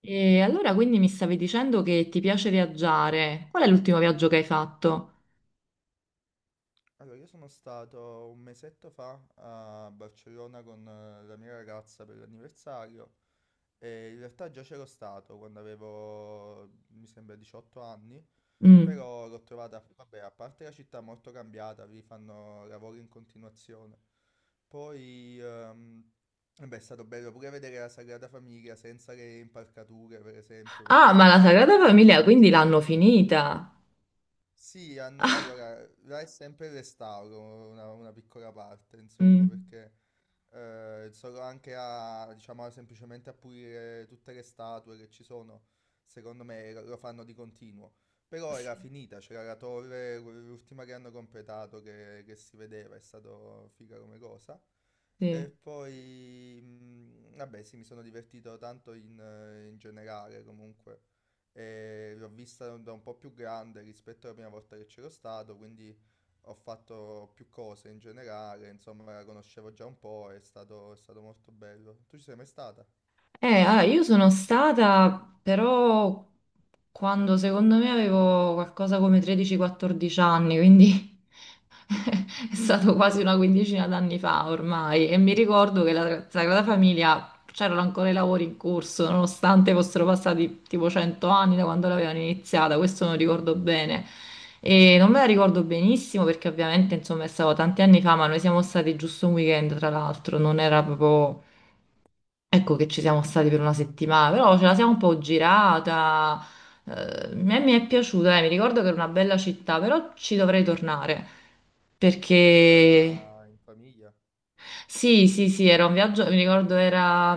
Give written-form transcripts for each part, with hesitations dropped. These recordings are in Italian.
E allora quindi mi stavi dicendo che ti piace viaggiare. Qual è l'ultimo viaggio che hai fatto? Allora, io sono stato un mesetto fa a Barcellona con la mia ragazza per l'anniversario e in realtà già c'ero stato quando avevo, mi sembra, 18 anni, Mm. però l'ho trovata, vabbè, a parte la città molto cambiata, vi fanno lavori in continuazione. Poi, vabbè, è stato bello pure vedere la Sagrada Famiglia senza le impalcature, per esempio, Ah, ma perché la Sagrada quando ci Famiglia sono quindi stato l'hanno io... finita. Sì, Ah, allora, là è sempre il restauro, una piccola parte, insomma, mm, perché solo anche a, diciamo, semplicemente a pulire tutte le statue che ci sono, secondo me lo fanno di continuo. Però era sì, finita, c'era la torre, l'ultima che hanno completato che si vedeva, è stato figa come cosa. E sì. poi, vabbè, sì, mi sono divertito tanto in generale, comunque e l'ho vista da un po' più grande rispetto alla prima volta che c'ero stato, quindi ho fatto più cose in generale, insomma la conoscevo già un po', è stato molto bello. Tu ci sei mai stata? Allora, io sono stata però quando secondo me avevo qualcosa come 13-14 anni, Mm. quindi è stato quasi una quindicina d'anni fa ormai e mi ricordo che la Sagrada Famiglia c'erano ancora i lavori in corso, nonostante fossero passati tipo 100 anni da quando l'avevano iniziata, questo non ricordo bene. E non me la ricordo benissimo perché ovviamente insomma è stato tanti anni fa, ma noi siamo stati giusto un weekend tra l'altro, non era proprio ecco che ci siamo stati per una settimana, però ce la siamo un po' girata. eh, A me mi è piaciuta, mi ricordo che era una bella città, però ci dovrei tornare Sei perché stata in famiglia? sì, sì, sì, era un viaggio, mi ricordo era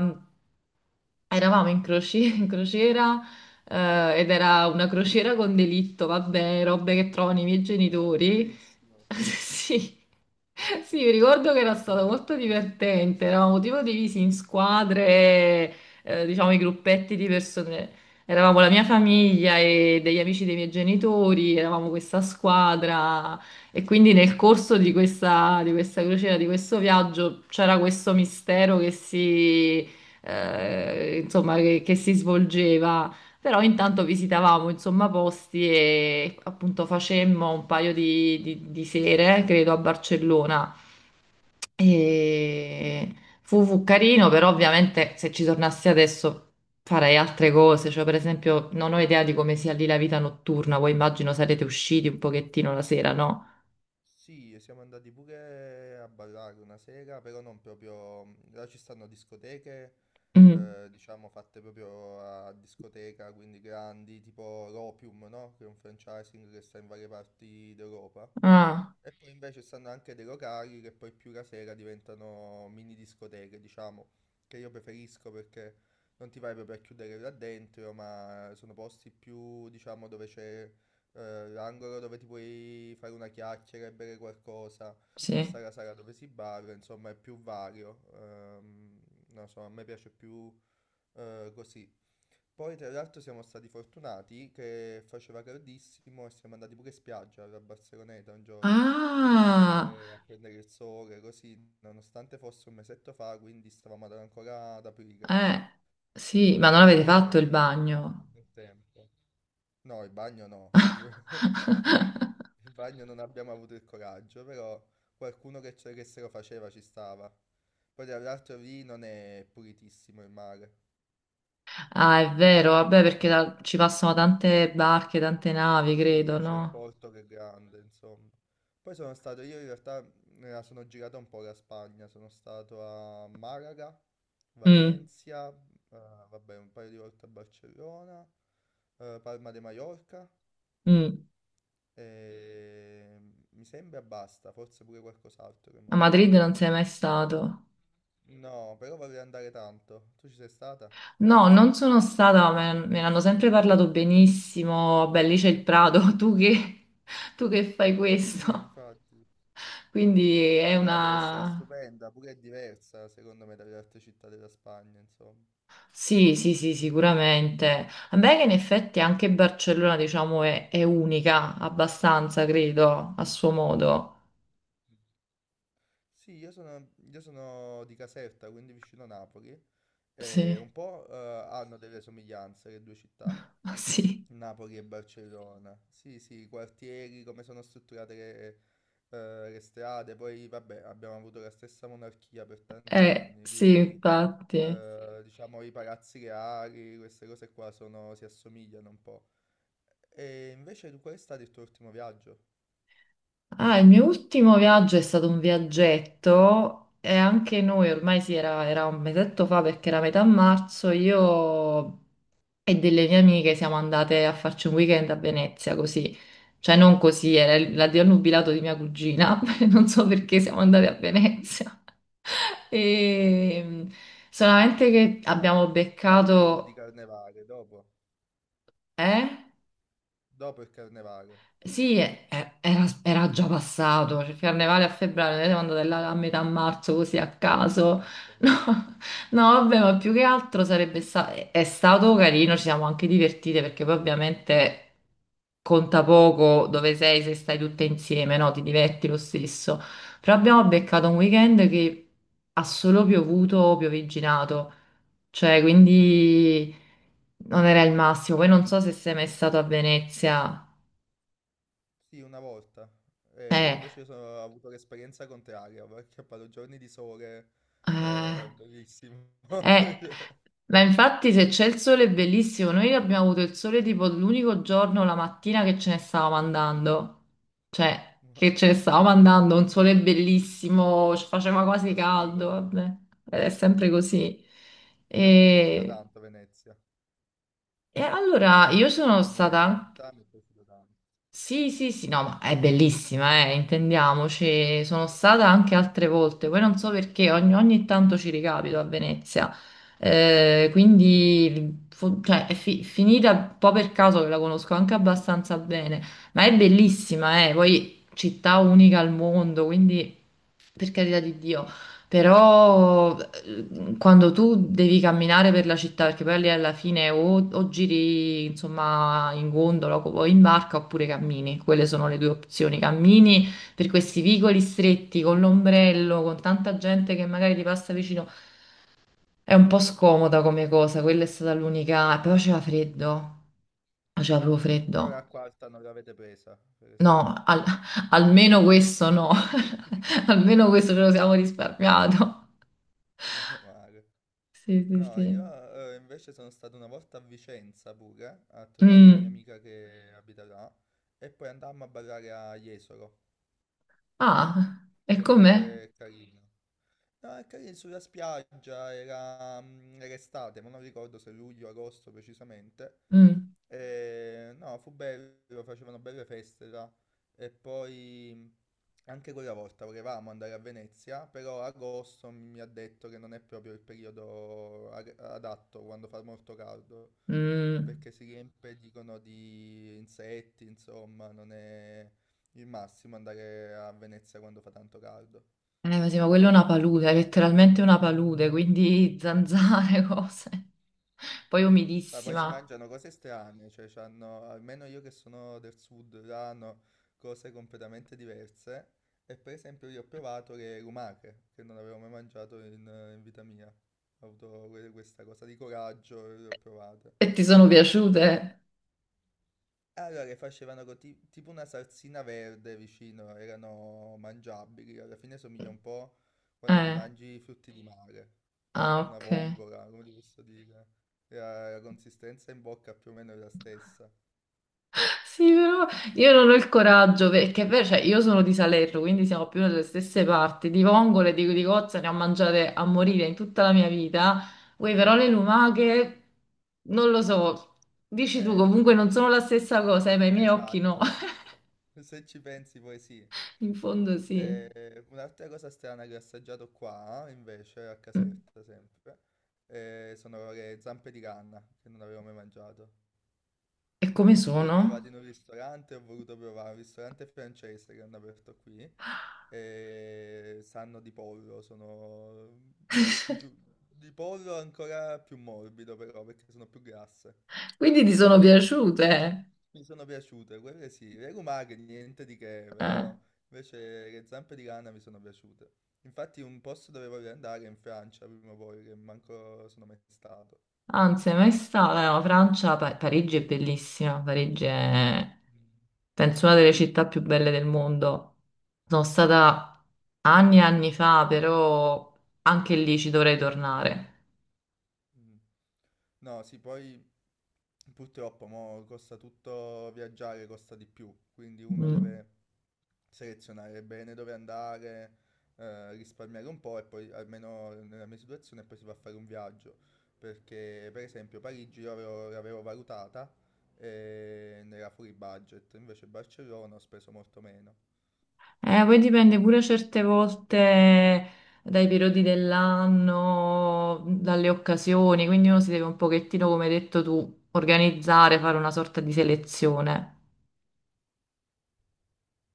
eravamo in, in crociera ed era una crociera con delitto, vabbè, robe che trovano i miei Ah, genitori. bellissimo. Sì, sì, mi ricordo che era stato molto divertente, eravamo tipo divisi in squadre, diciamo i gruppetti di persone. Eravamo la mia famiglia e degli amici dei miei genitori, eravamo questa squadra e quindi nel corso di questa crociera, di questo viaggio, c'era questo mistero che si insomma, che si svolgeva. Però intanto visitavamo, insomma, posti e appunto facemmo un paio di, di sere, credo, a Barcellona. Mm. E fu, fu carino, però ovviamente se ci tornassi adesso farei altre cose. Cioè, per esempio, non ho idea di come sia lì la vita notturna. Voi immagino sarete usciti un pochettino la sera, no? Sì, e siamo andati pure a ballare una sera, però non proprio... mhmm, là ci stanno discoteche, Mm. Diciamo fatte proprio a discoteca, quindi grandi, tipo l'Opium, no? Che è un franchising che sta in varie parti d'Europa. Ah, E poi invece stanno anche dei locali che poi più la sera diventano mini discoteche, diciamo, che io preferisco perché non ti vai proprio a chiudere là dentro, ma sono posti più, diciamo, dove c'è l'angolo dove ti puoi fare una chiacchiera e bere qualcosa, poi sì. sta la sala dove si balla, insomma, è più vario. Non so, a me piace più così. Poi tra l'altro siamo stati fortunati che faceva caldissimo e siamo andati pure in spiaggia alla Barceloneta un giorno Ah, a prendere il sole, così, nonostante fosse un mesetto fa, quindi stavamo ancora ad aprire. eh, sì, ma non avete fatto il Ehm, bagno. era un bel tempo. No, il bagno no, il bagno non abbiamo avuto il coraggio, però qualcuno che se lo faceva ci stava. Poi tra l'altro lì non è pulitissimo il mare. Ah, è vero, vabbè, perché ci passano tante barche, tante navi, credo, Sì, c'è il no? porto che è grande, insomma. Poi sono stato, io in realtà me la sono girata un po' la Spagna, sono stato a Malaga, Mm, Valencia, vabbè, un paio di volte a Barcellona, Palma de Mallorca mm. e mi sembra basta, forse pure qualcos'altro che mo A non mi viene Madrid in non sei mente. mai stato? No, però vorrei andare tanto. Tu ci sei stata? No, non sono stata, me, me ne hanno sempre parlato benissimo. Beh, lì c'è il Prato, tu che fai Sì, questo? infatti. Quindi è No, deve essere una... stupenda, pure è diversa secondo me dalle altre città della Spagna, insomma. Sì, sì, sì, sicuramente. A me che in effetti anche Barcellona, diciamo, è unica, abbastanza, credo, a suo modo. Sì, io sono di Caserta, quindi vicino Napoli, Sì, e un po' hanno delle somiglianze le due città, sì. Napoli e Barcellona. Sì, sì, i quartieri, come sono strutturate le strade, poi vabbè, abbiamo avuto la stessa monarchia per tanti anni, Sì, quindi sì. infatti. Diciamo i palazzi reali, queste cose qua si assomigliano un po'. E invece tu qual è stato il tuo ultimo viaggio? Ah, il mio ultimo viaggio è stato un viaggetto e anche noi ormai sì, era, era un mesetto fa perché era metà marzo, io e delle mie amiche siamo andate a farci un weekend a Venezia così. Cioè non così, era Mm. il- l'addio al nubilato di mia cugina, non so perché siamo andate a Venezia. E solamente che Ma abbiamo non un periodo beccato... di carnevale, dopo. Eh? Dopo il carnevale. Sì, era, era già Mm, passato, cioè, il carnevale a febbraio, è noi già siamo andate là a passato. metà marzo così a caso. Ah, ok. No, no, vabbè, ma più che altro sarebbe stato, è stato carino, ci siamo anche divertite perché poi ovviamente conta poco dove sei se stai tutte insieme, no? Ti diverti lo stesso. Però abbiamo beccato un weekend che ha solo piovuto, piovigginato, cioè quindi non era il massimo. Poi non so se sei mai stato a Venezia. Sì, una volta. E Eh. invece ho avuto l'esperienza contraria, perché ho fatto giorni di sole, Eh, bellissimo. eh, Cioè, ma infatti se c'è il sole è bellissimo, noi abbiamo avuto il sole tipo l'unico giorno, la mattina che ce ne stavamo andando, cioè ma- che ce ne stavamo andando, un sole bellissimo, ci faceva quasi la sfiga caldo, vabbè, proprio. ed è sempre così. Però mi è piaciuta E, tanto Venezia, e allora io sono come stata città mi è piaciuta tanto. sì, sì, sì, no, ma è bellissima, intendiamoci. Sono stata anche altre volte, poi non so perché ogni, ogni tanto ci ricapito a Venezia. Quindi cioè, è finita un po' per caso che la conosco anche abbastanza bene, ma è bellissima, poi città unica al mondo, quindi per carità di Dio. Però quando tu devi camminare per la città, perché poi lì alla fine o giri insomma in gondola o in barca oppure cammini, quelle sono le due opzioni. Sì. Cammini per questi vicoli stretti con l'ombrello, con tanta gente che magari ti Eh, passa vicino, è un po' scomoda come cosa, quella è stata l'unica. E poi faceva immagino. freddo, faceva proprio Però freddo. l'acqua alta non l'avete presa, per No, esempio. Almeno questo no, almeno questo ce lo siamo risparmiato. Meno male. Sì, sì, No, io sì. Invece sono stato una volta a Vicenza pure a trovare una mia Mm. amica che abita là e poi andammo a ballare a Jesolo, Ah, e che è com'è? pure carino. No, è carino sulla spiaggia, era, era estate, ma non ricordo se luglio o agosto precisamente. Mm, E, no, fu bello, facevano belle feste là. E poi anche quella volta volevamo andare a Venezia, però agosto mi ha detto che non è proprio il periodo adatto quando fa molto caldo, mm. perché si riempie, dicono, di insetti, insomma, non è il massimo andare a Venezia quando fa tanto caldo. Ma sì, ma quello è una palude, è letteralmente una palude, quindi zanzare, cose. Poi Ma poi si umidissima. mangiano cose strane, cioè c'hanno, almeno io che sono del sud, hanno cose completamente diverse. E per esempio io ho provato le lumache, che non avevo mai mangiato in vita mia. Ho avuto questa cosa di coraggio e le ho provate. E ti sono piaciute? E allora le facevano con tipo una salsina verde vicino, erano mangiabili, alla fine somiglia un po' quando ti Eh, mangi i frutti di mare, ah, una ok. vongola, come ti posso dire. E la consistenza in bocca più o meno è la stessa. Sì, però io non ho il coraggio, perché è vero, cioè, io sono di Salerno, quindi siamo più nelle stesse parti. Di vongole, Ok. Di cozze ne ho mangiate a morire in tutta la mia vita. Uè, però le lumache, non lo so. Dici tu, Eh, comunque non sono la stessa cosa, ma i miei occhi no. esatto, se ci pensi poi sì. In fondo sì. Un'altra cosa strana che ho assaggiato qua, invece, a Mm. Caserta sempre, sono le zampe di canna, che non avevo mai mangiato. E come Le ho Che trovate sono? in un cos'è? Ristorante, ho voluto provare, un ristorante francese che hanno aperto qui, e sanno di pollo, sono, ti giuro, di pollo ancora più morbido però, perché sono più grasse. Quindi ti sono piaciute? Mi sono piaciute, quelle sì, le lumache niente di che, Eh, però invece le zampe di rana mi sono piaciute. Infatti un posto dove voglio andare è in Francia prima o poi, che manco sono mai stato. anzi, mai stata. No, Francia, Parigi è bellissima. Parigi è, Mm. penso, una delle città più belle del mondo. Sono stata anni e anni fa, però anche lì ci dovrei tornare. Mm. No, sì, poi purtroppo mo costa tutto viaggiare, costa di più, quindi uno Mm. deve selezionare bene dove andare, risparmiare un po' e poi, almeno nella mia situazione, poi si va a fare un viaggio. Perché, per esempio, Parigi l'avevo valutata e era fuori budget, invece Barcellona ho speso molto meno. Poi dipende pure certe volte dai periodi dell'anno, dalle occasioni, quindi uno si deve un pochettino, come hai detto tu, organizzare, fare una sorta di selezione.